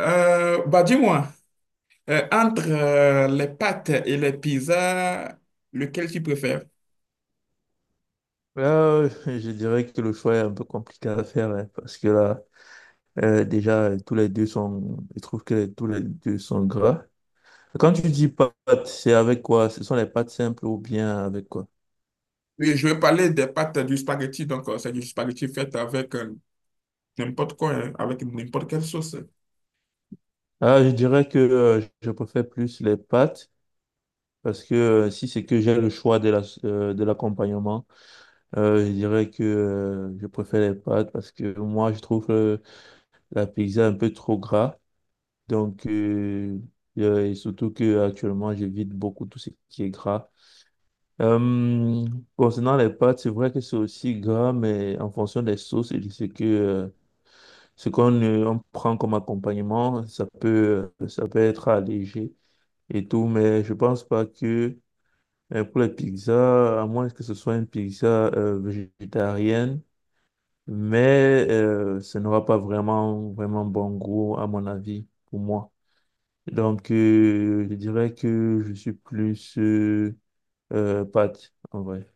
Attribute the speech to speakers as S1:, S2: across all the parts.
S1: Bah dis-moi, entre les pâtes et les pizzas, lequel tu préfères?
S2: Là, je dirais que le choix est un peu compliqué à faire hein, parce que là, déjà, tous les deux sont, je trouve que tous les deux sont gras. Quand tu dis pâtes, c'est avec quoi? Ce sont les pâtes simples ou bien avec quoi?
S1: Et je vais parler des pâtes du spaghetti, donc c'est du spaghetti fait avec n'importe quoi, hein, avec n'importe quelle sauce.
S2: Ah, je dirais que je préfère plus les pâtes parce que si c'est que j'ai le choix de la, de l'accompagnement, je dirais que je préfère les pâtes parce que moi, je trouve la pizza un peu trop gras. Donc, et surtout que actuellement, j'évite beaucoup tout ce qui est gras. Euh, Concernant les pâtes, c'est vrai que c'est aussi gras, mais en fonction des sauces et de ce que ce qu'on on prend comme accompagnement, ça peut être allégé et tout, mais je pense pas que pour les pizzas, à moins que ce soit une pizza végétarienne, mais ça n'aura pas vraiment vraiment bon goût à mon avis pour moi. Donc, je dirais que je suis plus pâte, en vrai.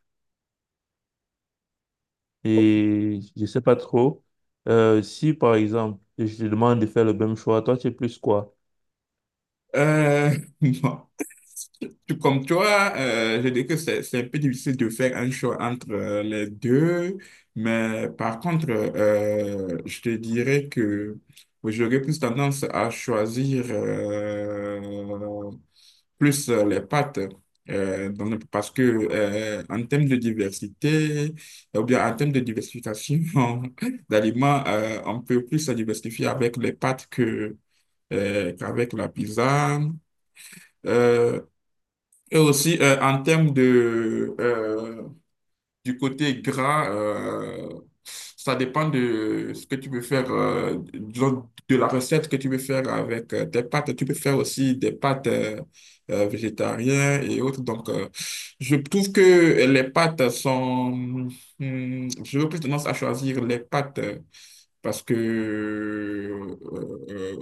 S2: Et je sais pas trop. Si, par exemple, je te demande de faire le même choix, toi, tu es plus quoi?
S1: Euh, bon, tout comme toi, je dis que c'est un peu difficile de faire un choix entre les deux, mais par contre, je te dirais que j'aurais plus tendance à choisir plus les pâtes. Parce que en termes de diversité, ou bien en termes de diversification d'aliments, on peut plus se diversifier avec les pâtes que, qu'avec la pizza. Euh, et aussi en termes de, du côté gras, ça dépend de ce que tu veux faire, disons, de la recette que tu veux faire avec tes pâtes. Tu peux faire aussi des pâtes végétariennes et autres. Donc, je trouve que les pâtes sont... Hmm, j'aurais plus tendance à choisir les pâtes parce que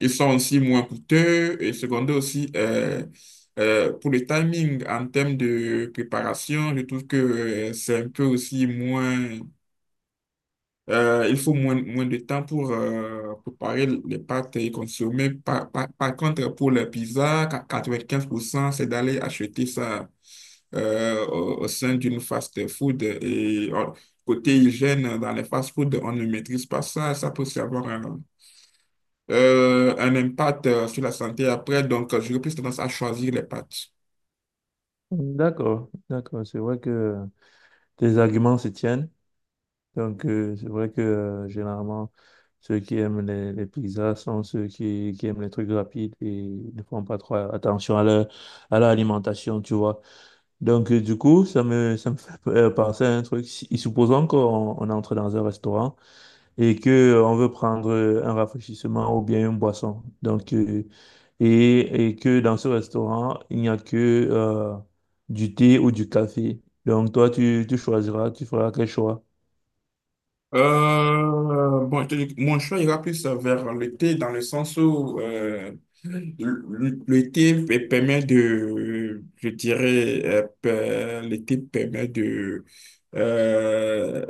S1: ils sont aussi moins coûteux et secondaire aussi pour le timing en termes de préparation, je trouve que c'est un peu aussi moins, il faut moins, moins de temps pour préparer les pâtes et consommer. Par contre, pour la pizza, 95% c'est d'aller acheter ça au, au sein d'une fast-food et côté hygiène dans les fast-food, on ne maîtrise pas ça, ça peut aussi avoir un impact sur la santé après. Donc, j'aurais plus tendance à choisir les pâtes.
S2: D'accord, d'accord. C'est vrai que tes arguments se tiennent. Donc, c'est vrai que généralement, ceux qui aiment les pizzas sont ceux qui aiment les trucs rapides et ne font pas trop attention à leur alimentation, tu vois. Donc, du coup, ça me, ça me fait penser à un truc. Supposons qu'on on entre dans un restaurant et que on veut prendre un rafraîchissement ou bien une boisson. Donc, et que dans ce restaurant, il n'y a que euh, du thé ou du café. Donc, toi, tu choisiras, tu feras quel choix?
S1: Bon, je te dis que mon choix ira plus vers le thé dans le sens où le thé permet de, je dirais, le thé permet euh,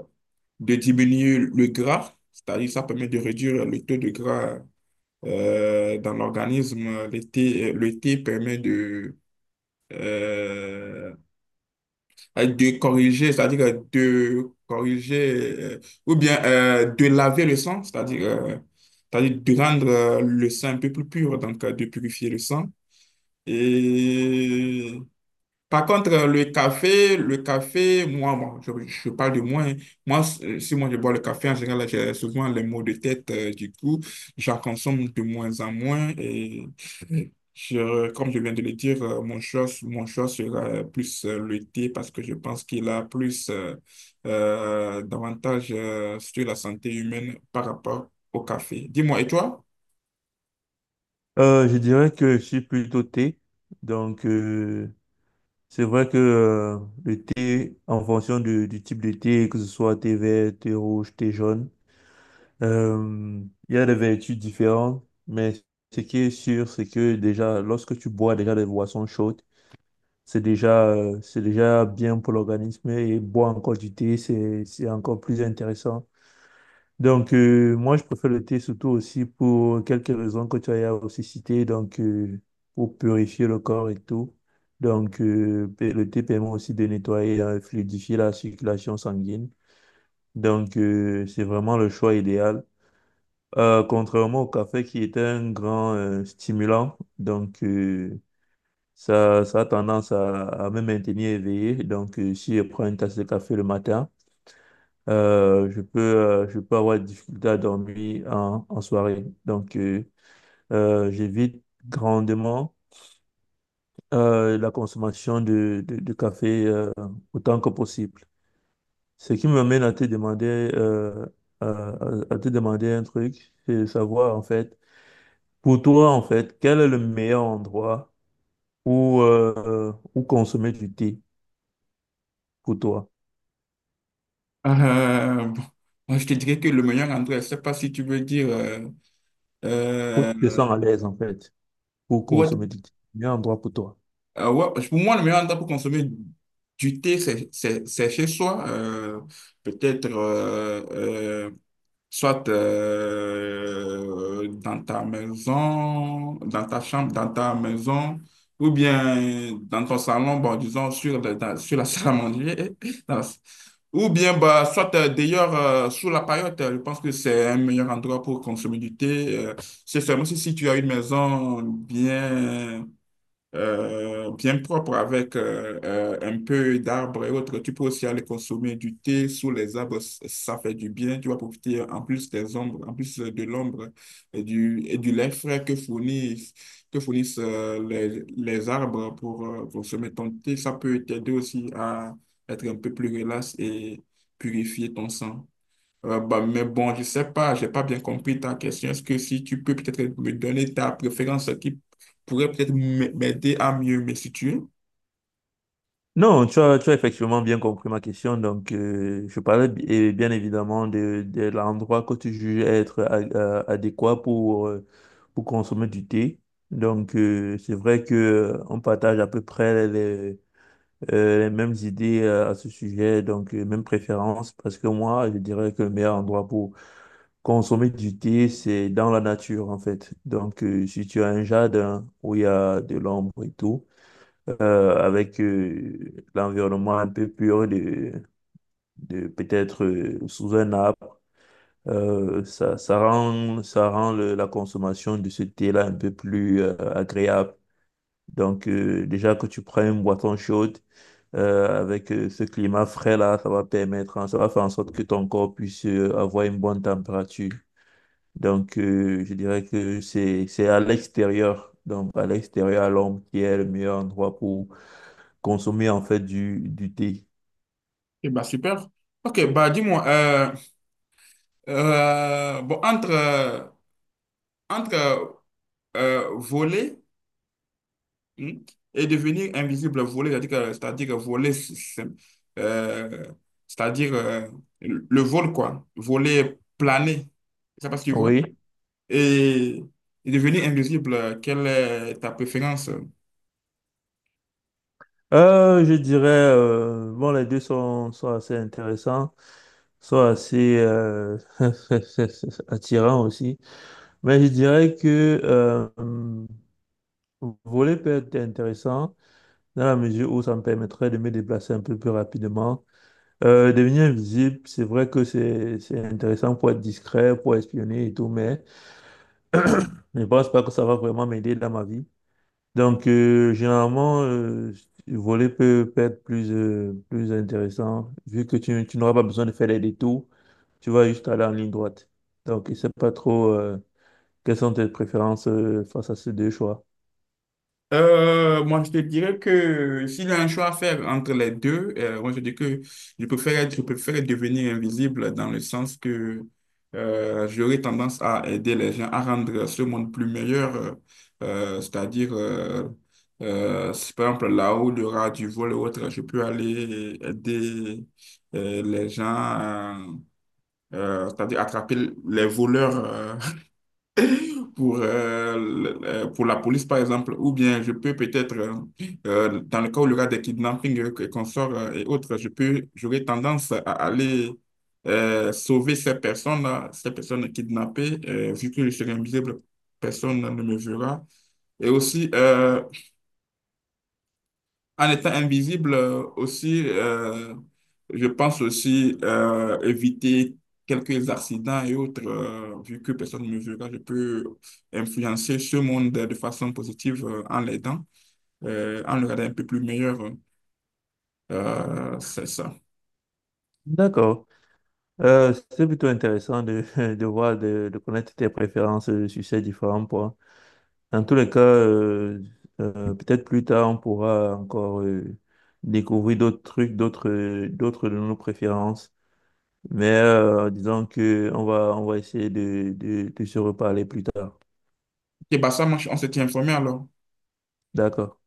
S1: de diminuer le gras, c'est-à-dire ça permet de réduire le taux de gras dans l'organisme. Le thé permet euh, de corriger, c'est-à-dire de corriger, euh, ou bien de laver le sang, c'est-à-dire c'est-à-dire de rendre le sang un peu plus pur, donc de purifier le sang. Et par contre, le café, moi, je parle de moi, hein. Moi, si moi je bois le café, en général, j'ai souvent les maux de tête. Du coup, j'en consomme de moins en moins. Et je, comme je viens de le dire, mon choix sera plus le thé parce que je pense qu'il a plus d'avantages sur la santé humaine par rapport au café. Dis-moi, et toi?
S2: Je dirais que je suis plutôt thé. Donc, c'est vrai que le thé, en fonction du type de thé, que ce soit thé vert, thé rouge, thé jaune, Euh, il y a des vertus différentes, mais ce qui est sûr, c'est que déjà, lorsque tu bois déjà des boissons chaudes, c'est déjà bien pour l'organisme et boire encore du thé, c'est encore plus intéressant. Donc, moi, je préfère le thé surtout aussi pour quelques raisons que tu as aussi citées, donc pour purifier le corps et tout. Donc, et le thé permet aussi de nettoyer et fluidifier la circulation sanguine. Donc, c'est vraiment le choix idéal. Contrairement au café qui était un grand stimulant, donc ça, ça a tendance à me maintenir éveillé. Donc si je prends une tasse de café le matin, je peux avoir des difficultés à dormir en, en soirée. Donc j'évite grandement la consommation de café autant que possible. Ce qui me mène à te demander, à, à te demander un truc, c'est savoir en fait. Pour toi, en fait, quel est le meilleur endroit où, où consommer du thé pour toi?
S1: Bon, moi, je te dirais que le meilleur endroit, je ne sais pas si tu veux dire
S2: Où
S1: euh,
S2: tu te sens à l'aise, en fait, pour
S1: pour être-
S2: consommer du thé? Le meilleur endroit pour toi.
S1: ouais, pour moi, le meilleur endroit pour consommer du thé, c'est chez soi. Peut-être soit dans ta maison, dans ta chambre, dans ta maison, ou bien dans ton salon, bon, disons, sur la salle à manger. dans la- ou bien, bah, soit d'ailleurs sous la paillote, je pense que c'est un meilleur endroit pour consommer du thé. C'est seulement si tu as une maison bien bien propre avec un peu d'arbres et autres. Tu peux aussi aller consommer du thé sous les arbres, ça fait du bien. Tu vas profiter en plus des ombres, en plus de l'ombre et du lait frais que fournissent les arbres pour consommer ton thé. Ça peut t'aider aussi à être un peu plus relax et purifier ton sang. Bah, mais bon, je sais pas, j'ai pas bien compris ta question. Est-ce que si tu peux peut-être me donner ta préférence qui pourrait peut-être m'aider à mieux me situer?
S2: Non, tu as effectivement bien compris ma question. Donc, je parlais et bien évidemment de l'endroit que tu juges être adéquat pour consommer du thé. Donc, c'est vrai que on partage à peu près les mêmes idées à ce sujet, donc mêmes préférences, parce que moi, je dirais que le meilleur endroit pour consommer du thé, c'est dans la nature, en fait. Donc, si tu as un jardin où il y a de l'ombre et tout avec l'environnement un peu pur de peut-être sous un arbre. Ça, ça rend, ça rend la consommation de ce thé-là un peu plus agréable. Donc, déjà que tu prends une boisson chaude avec ce climat frais-là, ça va permettre, hein, ça va faire en sorte que ton corps puisse avoir une bonne température. Donc, je dirais que c'est à l'extérieur, donc à l'extérieur, à l'ombre, qui est le meilleur endroit pour consommer en fait du thé.
S1: Eh bah, super. Ok, bah, dis-moi, bon, entre, entre voler, hmm, et devenir invisible, voler, c'est-à-dire voler, euh, c'est-à-dire le vol, quoi, voler, planer, je sais pas si tu vois.
S2: Oui.
S1: Et, et devenir invisible, quelle est ta préférence?
S2: Je dirais, bon, les deux sont, sont assez intéressants, sont assez attirants aussi. Mais je dirais que voler peut être intéressant dans la mesure où ça me permettrait de me déplacer un peu plus rapidement. Devenir invisible, c'est vrai que c'est intéressant pour être discret, pour espionner et tout, mais je ne pense pas que ça va vraiment m'aider dans ma vie. Donc, généralement, le volet peut, peut être plus, plus intéressant, vu que tu n'auras pas besoin de faire des détours, tu vas juste aller en ligne droite. Donc, je ne sais pas trop quelles sont tes préférences face à ces deux choix.
S1: Moi, je te dirais que s'il y a un choix à faire entre les deux, moi, je dis que je préfère devenir invisible dans le sens que j'aurais tendance à aider les gens à rendre ce monde plus meilleur. C'est-à-dire, si par exemple, là où il y aura du vol ou autre, je peux aller aider les gens, c'est-à-dire attraper les voleurs pour, pour la police, par exemple, ou bien je peux peut-être, dans le cas où il y aura des kidnappings qu'on sort et autres, je peux, j'aurais tendance à aller sauver ces personnes-là, ces personnes kidnappées, vu que je serai invisible, personne ne me verra. Et aussi, en étant invisible aussi, je pense aussi éviter quelques accidents et autres, vu que personne ne me verra, je peux influencer ce monde de façon positive en l'aidant, en le rendant un peu plus meilleur. C'est ça.
S2: D'accord. C'est plutôt intéressant de, de voir, de connaître tes préférences sur ces différents points. Dans tous les cas, peut-être plus tard, on pourra encore découvrir d'autres trucs, d'autres, d'autres de nos préférences. Mais disons que on va essayer de se reparler plus tard.
S1: Et bah ça, moi, on s'était informé alors.
S2: D'accord.